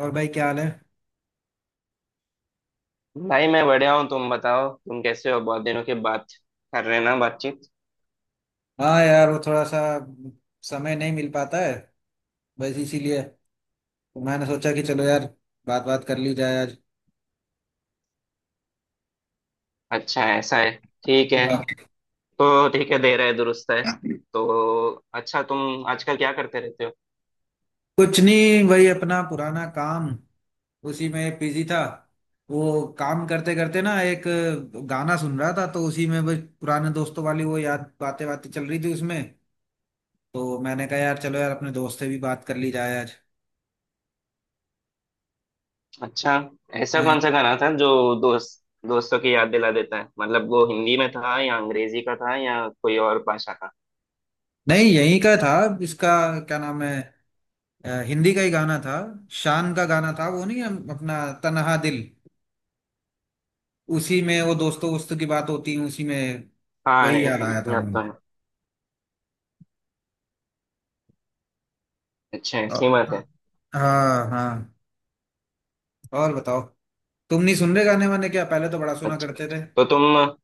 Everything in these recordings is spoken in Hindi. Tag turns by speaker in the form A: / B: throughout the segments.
A: और भाई क्या हाल है।
B: भाई मैं बढ़िया हूँ। तुम बताओ तुम कैसे हो। बहुत दिनों के बाद कर रहे हैं ना बातचीत।
A: हाँ यार, वो थोड़ा सा समय नहीं मिल पाता है, बस इसीलिए तो मैंने सोचा कि चलो यार, बात बात कर ली जाए आज।
B: अच्छा ऐसा है। ठीक है।
A: हाँ।
B: तो ठीक है, दे रहा है, दुरुस्त है। तो अच्छा, तुम आजकल क्या करते रहते हो।
A: कुछ नहीं वही अपना पुराना काम, उसी में बिजी था। वो काम करते करते ना एक गाना सुन रहा था तो उसी में बस पुराने दोस्तों वाली वो याद बातें बातें चल रही थी उसमें, तो मैंने कहा यार चलो यार अपने दोस्त से भी बात कर ली जाए आज।
B: अच्छा, ऐसा
A: हाँ।
B: कौन सा गाना था जो दोस्त दोस्तों की याद दिला देता है। मतलब वो हिंदी में था या अंग्रेजी का था या कोई और भाषा का।
A: नहीं यहीं का था। इसका क्या नाम है, हिंदी का ही गाना था। शान का गाना था वो, नहीं हम अपना तन्हा दिल, उसी में वो दोस्तों वोस्तों की बात होती है उसी में।
B: हाँ,
A: वही
B: याद
A: याद
B: तो
A: आया था
B: है।
A: मुझे।
B: अच्छा,
A: अ,
B: ऐसी बात है।
A: हाँ हाँ, और बताओ। तुम नहीं सुन रहे गाने वाने क्या, पहले तो बड़ा सुना
B: अच्छा,
A: करते थे।
B: तो तुम,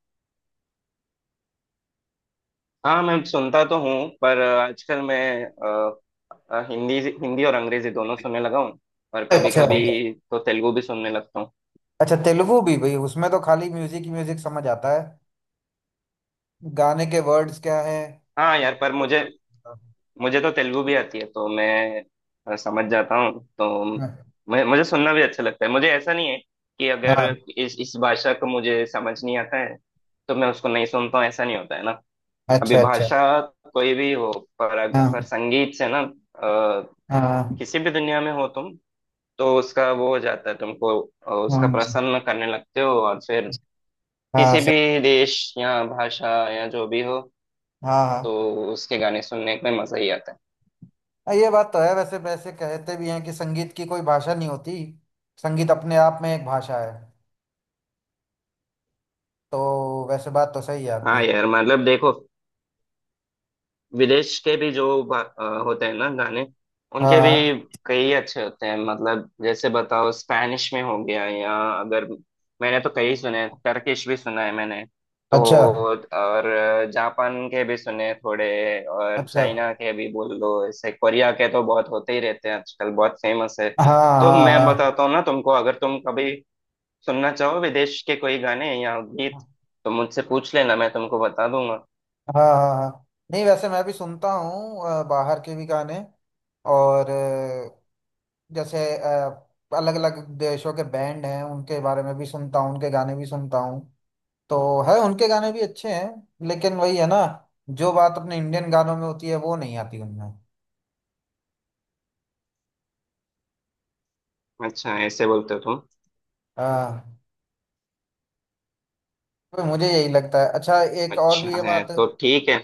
B: हाँ मैं सुनता तो हूँ। पर आजकल मैं हिंदी हिंदी और अंग्रेजी दोनों सुनने लगा हूँ। और कभी
A: अच्छा,
B: कभी तो तेलुगु भी सुनने लगता हूँ।
A: अच्छा तेलुगु भी भाई, उसमें तो खाली म्यूजिक ही म्यूजिक समझ आता है। गाने के वर्ड्स क्या है
B: हाँ
A: ये
B: यार,
A: सब
B: पर
A: तो
B: मुझे
A: समझ नहीं आता।
B: मुझे तो तेलुगु भी आती है तो मैं समझ जाता हूँ। तो
A: हाँ,
B: मैं मुझे सुनना भी अच्छा लगता है। मुझे ऐसा नहीं है कि अगर
A: हाँ,
B: इस भाषा को मुझे समझ नहीं आता है तो मैं उसको नहीं सुनता हूँ। ऐसा नहीं होता है ना। अभी
A: अच्छा अच्छा।
B: भाषा कोई भी हो, पर
A: हाँ
B: संगीत से ना, अ,
A: हाँ हाँ।
B: किसी भी दुनिया में हो तुम, तो उसका वो हो जाता है तुमको। उसका प्रसन्न करने लगते हो। और फिर
A: हाँ
B: किसी
A: सही।
B: भी देश या भाषा या जो भी हो,
A: हाँ
B: तो
A: हाँ
B: उसके गाने सुनने में मजा ही आता है।
A: हाँ, ये बात तो है वैसे, वैसे कहते भी हैं कि संगीत की कोई भाषा नहीं होती, संगीत अपने आप में एक भाषा है। तो वैसे बात तो सही है आपकी।
B: हाँ यार, मतलब देखो, विदेश के भी जो होते हैं ना गाने, उनके भी
A: हाँ।
B: कई अच्छे होते हैं। मतलब जैसे बताओ, स्पैनिश में हो गया या अगर, मैंने तो कई सुने। टर्किश भी सुना है मैंने। तो
A: अच्छा,
B: और जापान के भी सुने थोड़े, और
A: अच्छा।
B: चाइना के भी बोल लो ऐसे। कोरिया के तो बहुत होते ही रहते हैं आजकल, बहुत फेमस है।
A: हाँ
B: तो
A: हाँ
B: मैं
A: हाँ।
B: बताता हूँ ना तुमको, अगर तुम कभी सुनना चाहो विदेश के कोई गाने या गीत, तो मुझसे पूछ लेना, मैं तुमको बता दूंगा।
A: हाँ हाँ हाँ। नहीं वैसे मैं भी सुनता हूँ बाहर के भी गाने, और जैसे अलग अलग देशों के बैंड हैं उनके बारे में भी सुनता हूँ, उनके गाने भी सुनता हूँ। तो है, उनके गाने भी अच्छे हैं, लेकिन वही है ना, जो बात अपने इंडियन गानों में होती है वो नहीं आती उनमें।
B: अच्छा, ऐसे बोलते हो तुम।
A: हाँ, तो मुझे यही लगता है। अच्छा एक और भी
B: अच्छा
A: ये
B: है
A: बात है।
B: तो ठीक है।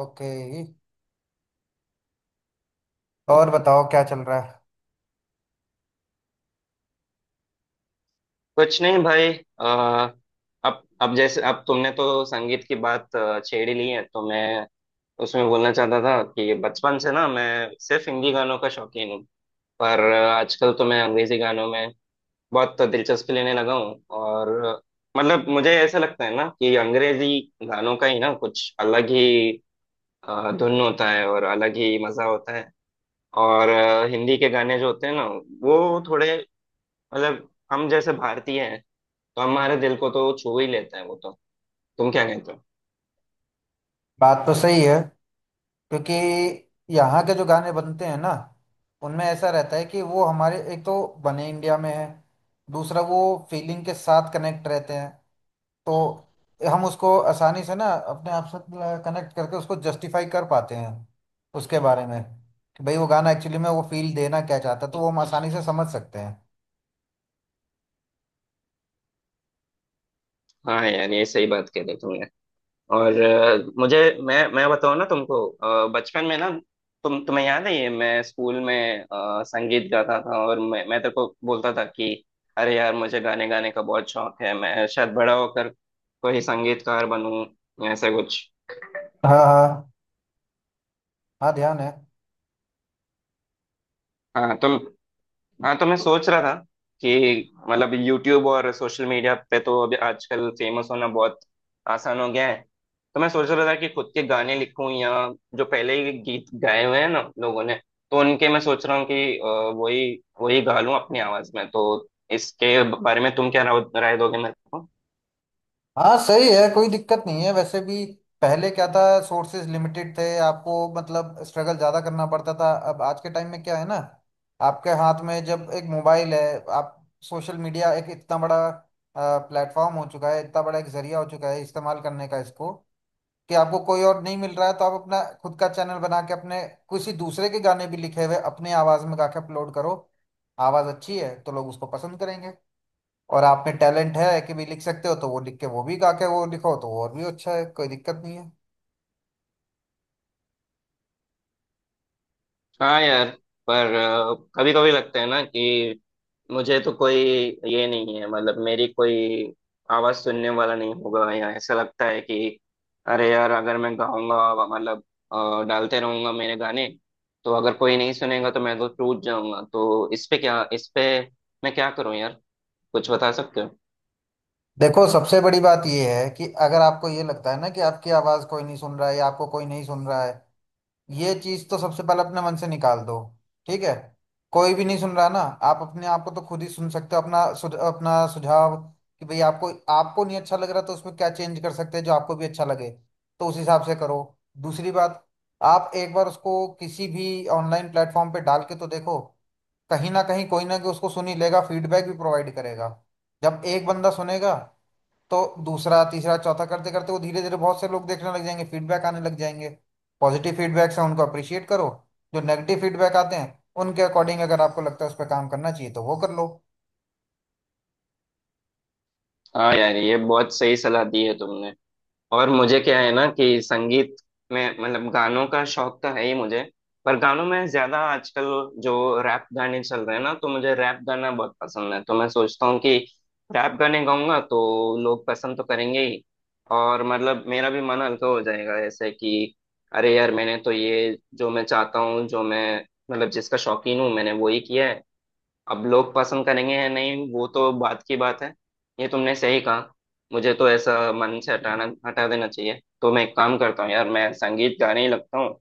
A: ओके, और बताओ क्या चल रहा है।
B: कुछ नहीं भाई, अ, अब जैसे, अब तुमने तो संगीत की बात छेड़ ही ली है, तो मैं उसमें बोलना चाहता था कि बचपन से ना मैं सिर्फ हिंदी गानों का शौकीन हूँ। पर आजकल तो मैं अंग्रेजी गानों में बहुत दिलचस्पी लेने लगा हूँ। और मतलब मुझे ऐसा लगता है ना कि अंग्रेजी गानों का ही ना कुछ अलग ही धुन होता है और अलग ही मजा होता है। और हिंदी के गाने जो होते हैं ना, वो थोड़े, मतलब हम जैसे भारतीय हैं, तो हमारे दिल को तो छू ही लेता है वो तो। तुम क्या कहते हो।
A: बात तो सही है, क्योंकि यहाँ के जो गाने बनते हैं ना, उनमें ऐसा रहता है कि वो हमारे, एक तो बने इंडिया में है, दूसरा वो फीलिंग के साथ कनेक्ट रहते हैं। तो हम उसको आसानी से ना अपने आप से कनेक्ट करके उसको जस्टिफाई कर पाते हैं उसके बारे में, कि भाई वो गाना एक्चुअली में वो फील देना क्या चाहता है, तो वो हम आसानी से समझ सकते हैं।
B: हाँ यार, ये सही बात कह रहे हो तुमने। और मुझे, मैं बताऊँ ना तुमको, बचपन में ना, तुम्हें याद है ये, मैं स्कूल में संगीत गाता था, और मैं तेरे को बोलता था कि अरे यार, मुझे गाने गाने का बहुत शौक है, मैं शायद बड़ा होकर कोई संगीतकार बनूं, ऐसा कुछ।
A: हाँ हाँ, हाँ ध्यान है।
B: हाँ तुम, हाँ तो मैं सोच रहा था कि मतलब यूट्यूब और सोशल मीडिया पे तो अभी आजकल फेमस होना बहुत आसान हो गया है। तो मैं सोच रहा था कि खुद के गाने लिखूं या जो पहले ही गीत गाए हुए हैं ना लोगों ने, तो उनके मैं सोच रहा हूँ कि वही वही गा लूं अपनी आवाज में। तो इसके बारे में तुम क्या राय दोगे मेरे को।
A: हाँ सही है, कोई दिक्कत नहीं है। वैसे भी पहले क्या था, सोर्सेज लिमिटेड थे आपको, मतलब स्ट्रगल ज़्यादा करना पड़ता था। अब आज के टाइम में क्या है ना, आपके हाथ में जब एक मोबाइल है, आप, सोशल मीडिया एक इतना बड़ा प्लेटफॉर्म हो चुका है, इतना बड़ा एक जरिया हो चुका है इस्तेमाल करने का, इसको कि आपको कोई और नहीं मिल रहा है तो आप अपना खुद का चैनल बना के अपने किसी दूसरे के गाने भी लिखे हुए अपने आवाज़ में गा के अपलोड करो। आवाज़ अच्छी है तो लोग उसको पसंद करेंगे, और आप में टैलेंट है कि भी लिख सकते हो तो वो लिख के वो भी गा के वो लिखो तो और भी अच्छा है। कोई दिक्कत नहीं है।
B: हाँ यार, पर कभी कभी लगता है ना कि मुझे तो कोई ये नहीं है, मतलब मेरी कोई आवाज सुनने वाला नहीं होगा। या ऐसा लगता है कि अरे यार, अगर मैं गाऊंगा, मतलब डालते रहूंगा मेरे गाने, तो अगर कोई नहीं सुनेगा तो मैं तो टूट जाऊंगा। तो इस पे क्या, इस पे मैं क्या करूं यार, कुछ बता सकते हो।
A: देखो सबसे बड़ी बात ये है कि अगर आपको ये लगता है ना कि आपकी आवाज़ कोई नहीं सुन रहा है, या आपको कोई नहीं सुन रहा है, ये चीज़ तो सबसे पहले अपने मन से निकाल दो। ठीक है। कोई भी नहीं सुन रहा ना, आप अपने आप को तो खुद ही सुन सकते हो, अपना अपना सुझाव, कि भाई आपको आपको नहीं अच्छा लग रहा तो उसमें क्या चेंज कर सकते हैं जो आपको भी अच्छा लगे, तो उस हिसाब से करो। दूसरी बात, आप एक बार उसको किसी भी ऑनलाइन प्लेटफॉर्म पे डाल के तो देखो, कहीं ना कहीं कोई ना कोई उसको सुन ही लेगा, फीडबैक भी प्रोवाइड करेगा। जब एक बंदा सुनेगा तो दूसरा तीसरा चौथा करते करते वो धीरे धीरे बहुत से लोग देखने लग जाएंगे, फीडबैक आने लग जाएंगे। पॉजिटिव फीडबैक्स हैं उनको अप्रिशिएट करो, जो नेगेटिव फीडबैक आते हैं उनके अकॉर्डिंग अगर आपको लगता है उस पर काम करना चाहिए तो वो कर लो।
B: हाँ यार, ये बहुत सही सलाह दी है तुमने। और मुझे क्या है ना कि संगीत में, मतलब गानों का शौक तो है ही मुझे। पर गानों में ज्यादा आजकल जो रैप गाने चल रहे हैं ना, तो मुझे रैप गाना बहुत पसंद है। तो मैं सोचता हूँ कि रैप गाने गाऊंगा तो लोग पसंद तो करेंगे ही, और मतलब मेरा भी मन हल्का हो जाएगा ऐसे कि अरे यार, मैंने तो ये जो मैं चाहता हूँ, जो मैं मतलब जिसका शौकीन हूँ, मैंने वो ही किया है। अब लोग पसंद करेंगे या नहीं वो तो बात की बात है। ये तुमने सही कहा, मुझे तो ऐसा मन से हटा देना चाहिए। तो मैं एक काम करता हूँ यार, मैं संगीत गाने ही लगता हूँ।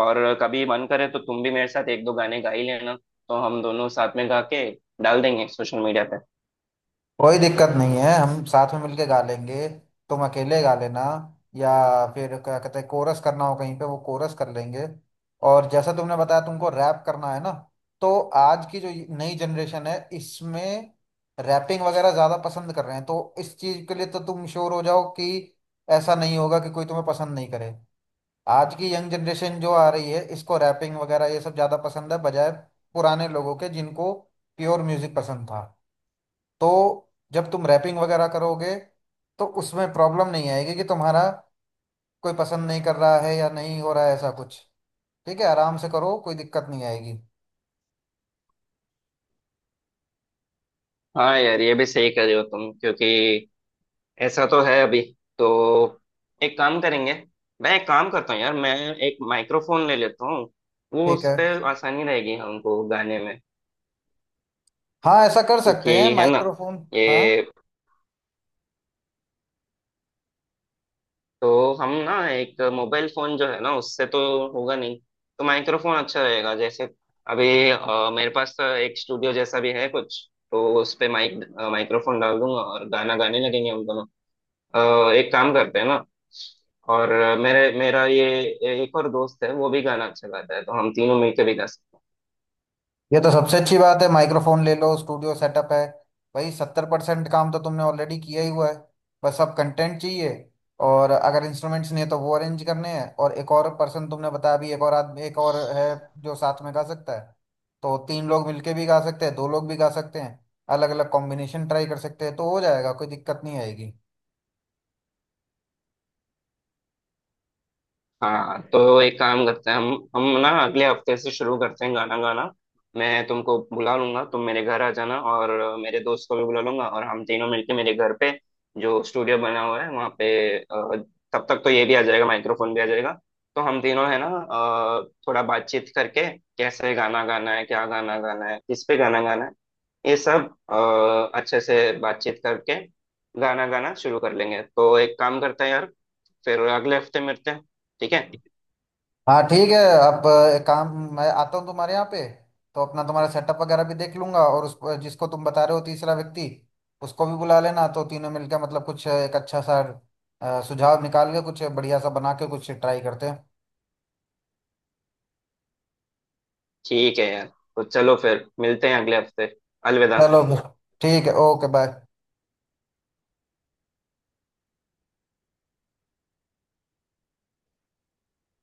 B: और कभी मन करे तो तुम भी मेरे साथ एक दो गाने गा ही लेना। तो हम दोनों साथ में गा के डाल देंगे सोशल मीडिया पे।
A: कोई दिक्कत नहीं है, हम साथ में मिलके गा लेंगे। तुम अकेले गा लेना, या फिर क्या कहते हैं कोरस करना हो कहीं पे, वो कोरस कर लेंगे। और जैसा तुमने बताया तुमको रैप करना है ना, तो आज की जो नई जनरेशन है इसमें रैपिंग वगैरह ज़्यादा पसंद कर रहे हैं, तो इस चीज़ के लिए तो तुम श्योर हो जाओ कि ऐसा नहीं होगा कि कोई तुम्हें पसंद नहीं करे। आज की यंग जनरेशन जो आ रही है इसको रैपिंग वगैरह ये सब ज़्यादा पसंद है, बजाय पुराने लोगों के, जिनको प्योर म्यूज़िक पसंद था। तो जब तुम रैपिंग वगैरह करोगे तो उसमें प्रॉब्लम नहीं आएगी कि तुम्हारा कोई पसंद नहीं कर रहा है या नहीं हो रहा है, ऐसा कुछ। ठीक है, आराम से करो, कोई दिक्कत नहीं आएगी।
B: हाँ यार, ये भी सही कर रहे हो तुम। क्योंकि ऐसा तो है अभी। तो एक काम करेंगे, मैं एक काम करता हूँ यार, मैं एक माइक्रोफोन ले लेता हूँ। वो
A: ठीक
B: उस
A: है।
B: पर आसानी रहेगी हमको गाने में।
A: हाँ ऐसा कर सकते
B: क्योंकि
A: हैं,
B: है ना
A: माइक्रोफोन।
B: ये,
A: हाँ,
B: तो हम ना एक मोबाइल फोन जो है ना, उससे तो होगा नहीं। तो माइक्रोफोन अच्छा रहेगा। जैसे अभी मेरे पास तो एक स्टूडियो जैसा भी है कुछ, तो उस पे माइक्रोफोन डाल दूंगा और गाना गाने लगेंगे हम दोनों। एक काम करते हैं ना, और मेरे मेरा ये एक और दोस्त है, वो भी गाना अच्छा गाता है, तो हम तीनों मिलकर भी गा सकते हैं।
A: ये तो सबसे अच्छी बात है, माइक्रोफोन ले लो, स्टूडियो सेटअप है, भाई 70% काम तो तुमने ऑलरेडी किया ही हुआ है। बस अब कंटेंट चाहिए, और अगर इंस्ट्रूमेंट्स नहीं है तो वो अरेंज करने हैं। और एक और पर्सन तुमने बताया अभी, एक और आदमी एक और है जो साथ में गा सकता है, तो तीन लोग मिलके भी गा सकते हैं, दो लोग भी गा सकते हैं। अलग अलग कॉम्बिनेशन ट्राई कर सकते हैं, तो हो जाएगा, कोई दिक्कत नहीं आएगी।
B: हाँ तो एक काम करते हैं, हम ना अगले हफ्ते से शुरू करते हैं गाना गाना। मैं तुमको बुला लूंगा, तुम मेरे घर आ जाना, और मेरे दोस्त को भी बुला लूंगा, और हम तीनों मिलके मेरे घर पे जो स्टूडियो बना हुआ है वहाँ पे, तब तक तो ये भी आ जाएगा, माइक्रोफोन भी आ जाएगा। तो हम तीनों है ना, अ, थोड़ा बातचीत करके कैसे गाना गाना है, क्या गाना गाना है, किस पे गाना गाना है, ये सब अच्छे से बातचीत करके गाना गाना शुरू कर लेंगे। तो एक काम करते हैं यार, फिर अगले हफ्ते मिलते हैं। ठीक है।
A: हाँ ठीक है। आप एक काम, मैं आता हूँ तुम्हारे यहाँ पे, तो अपना तुम्हारा सेटअप वगैरह भी देख लूंगा, और उस, जिसको तुम बता रहे हो तीसरा व्यक्ति, उसको भी बुला लेना, तो तीनों मिलकर मतलब कुछ एक अच्छा सा सुझाव निकाल के कुछ बढ़िया सा बना के कुछ ट्राई करते हैं।
B: ठीक है यार, तो चलो फिर मिलते हैं अगले हफ्ते। अलविदा।
A: चलो फिर, ठीक है, ओके बाय।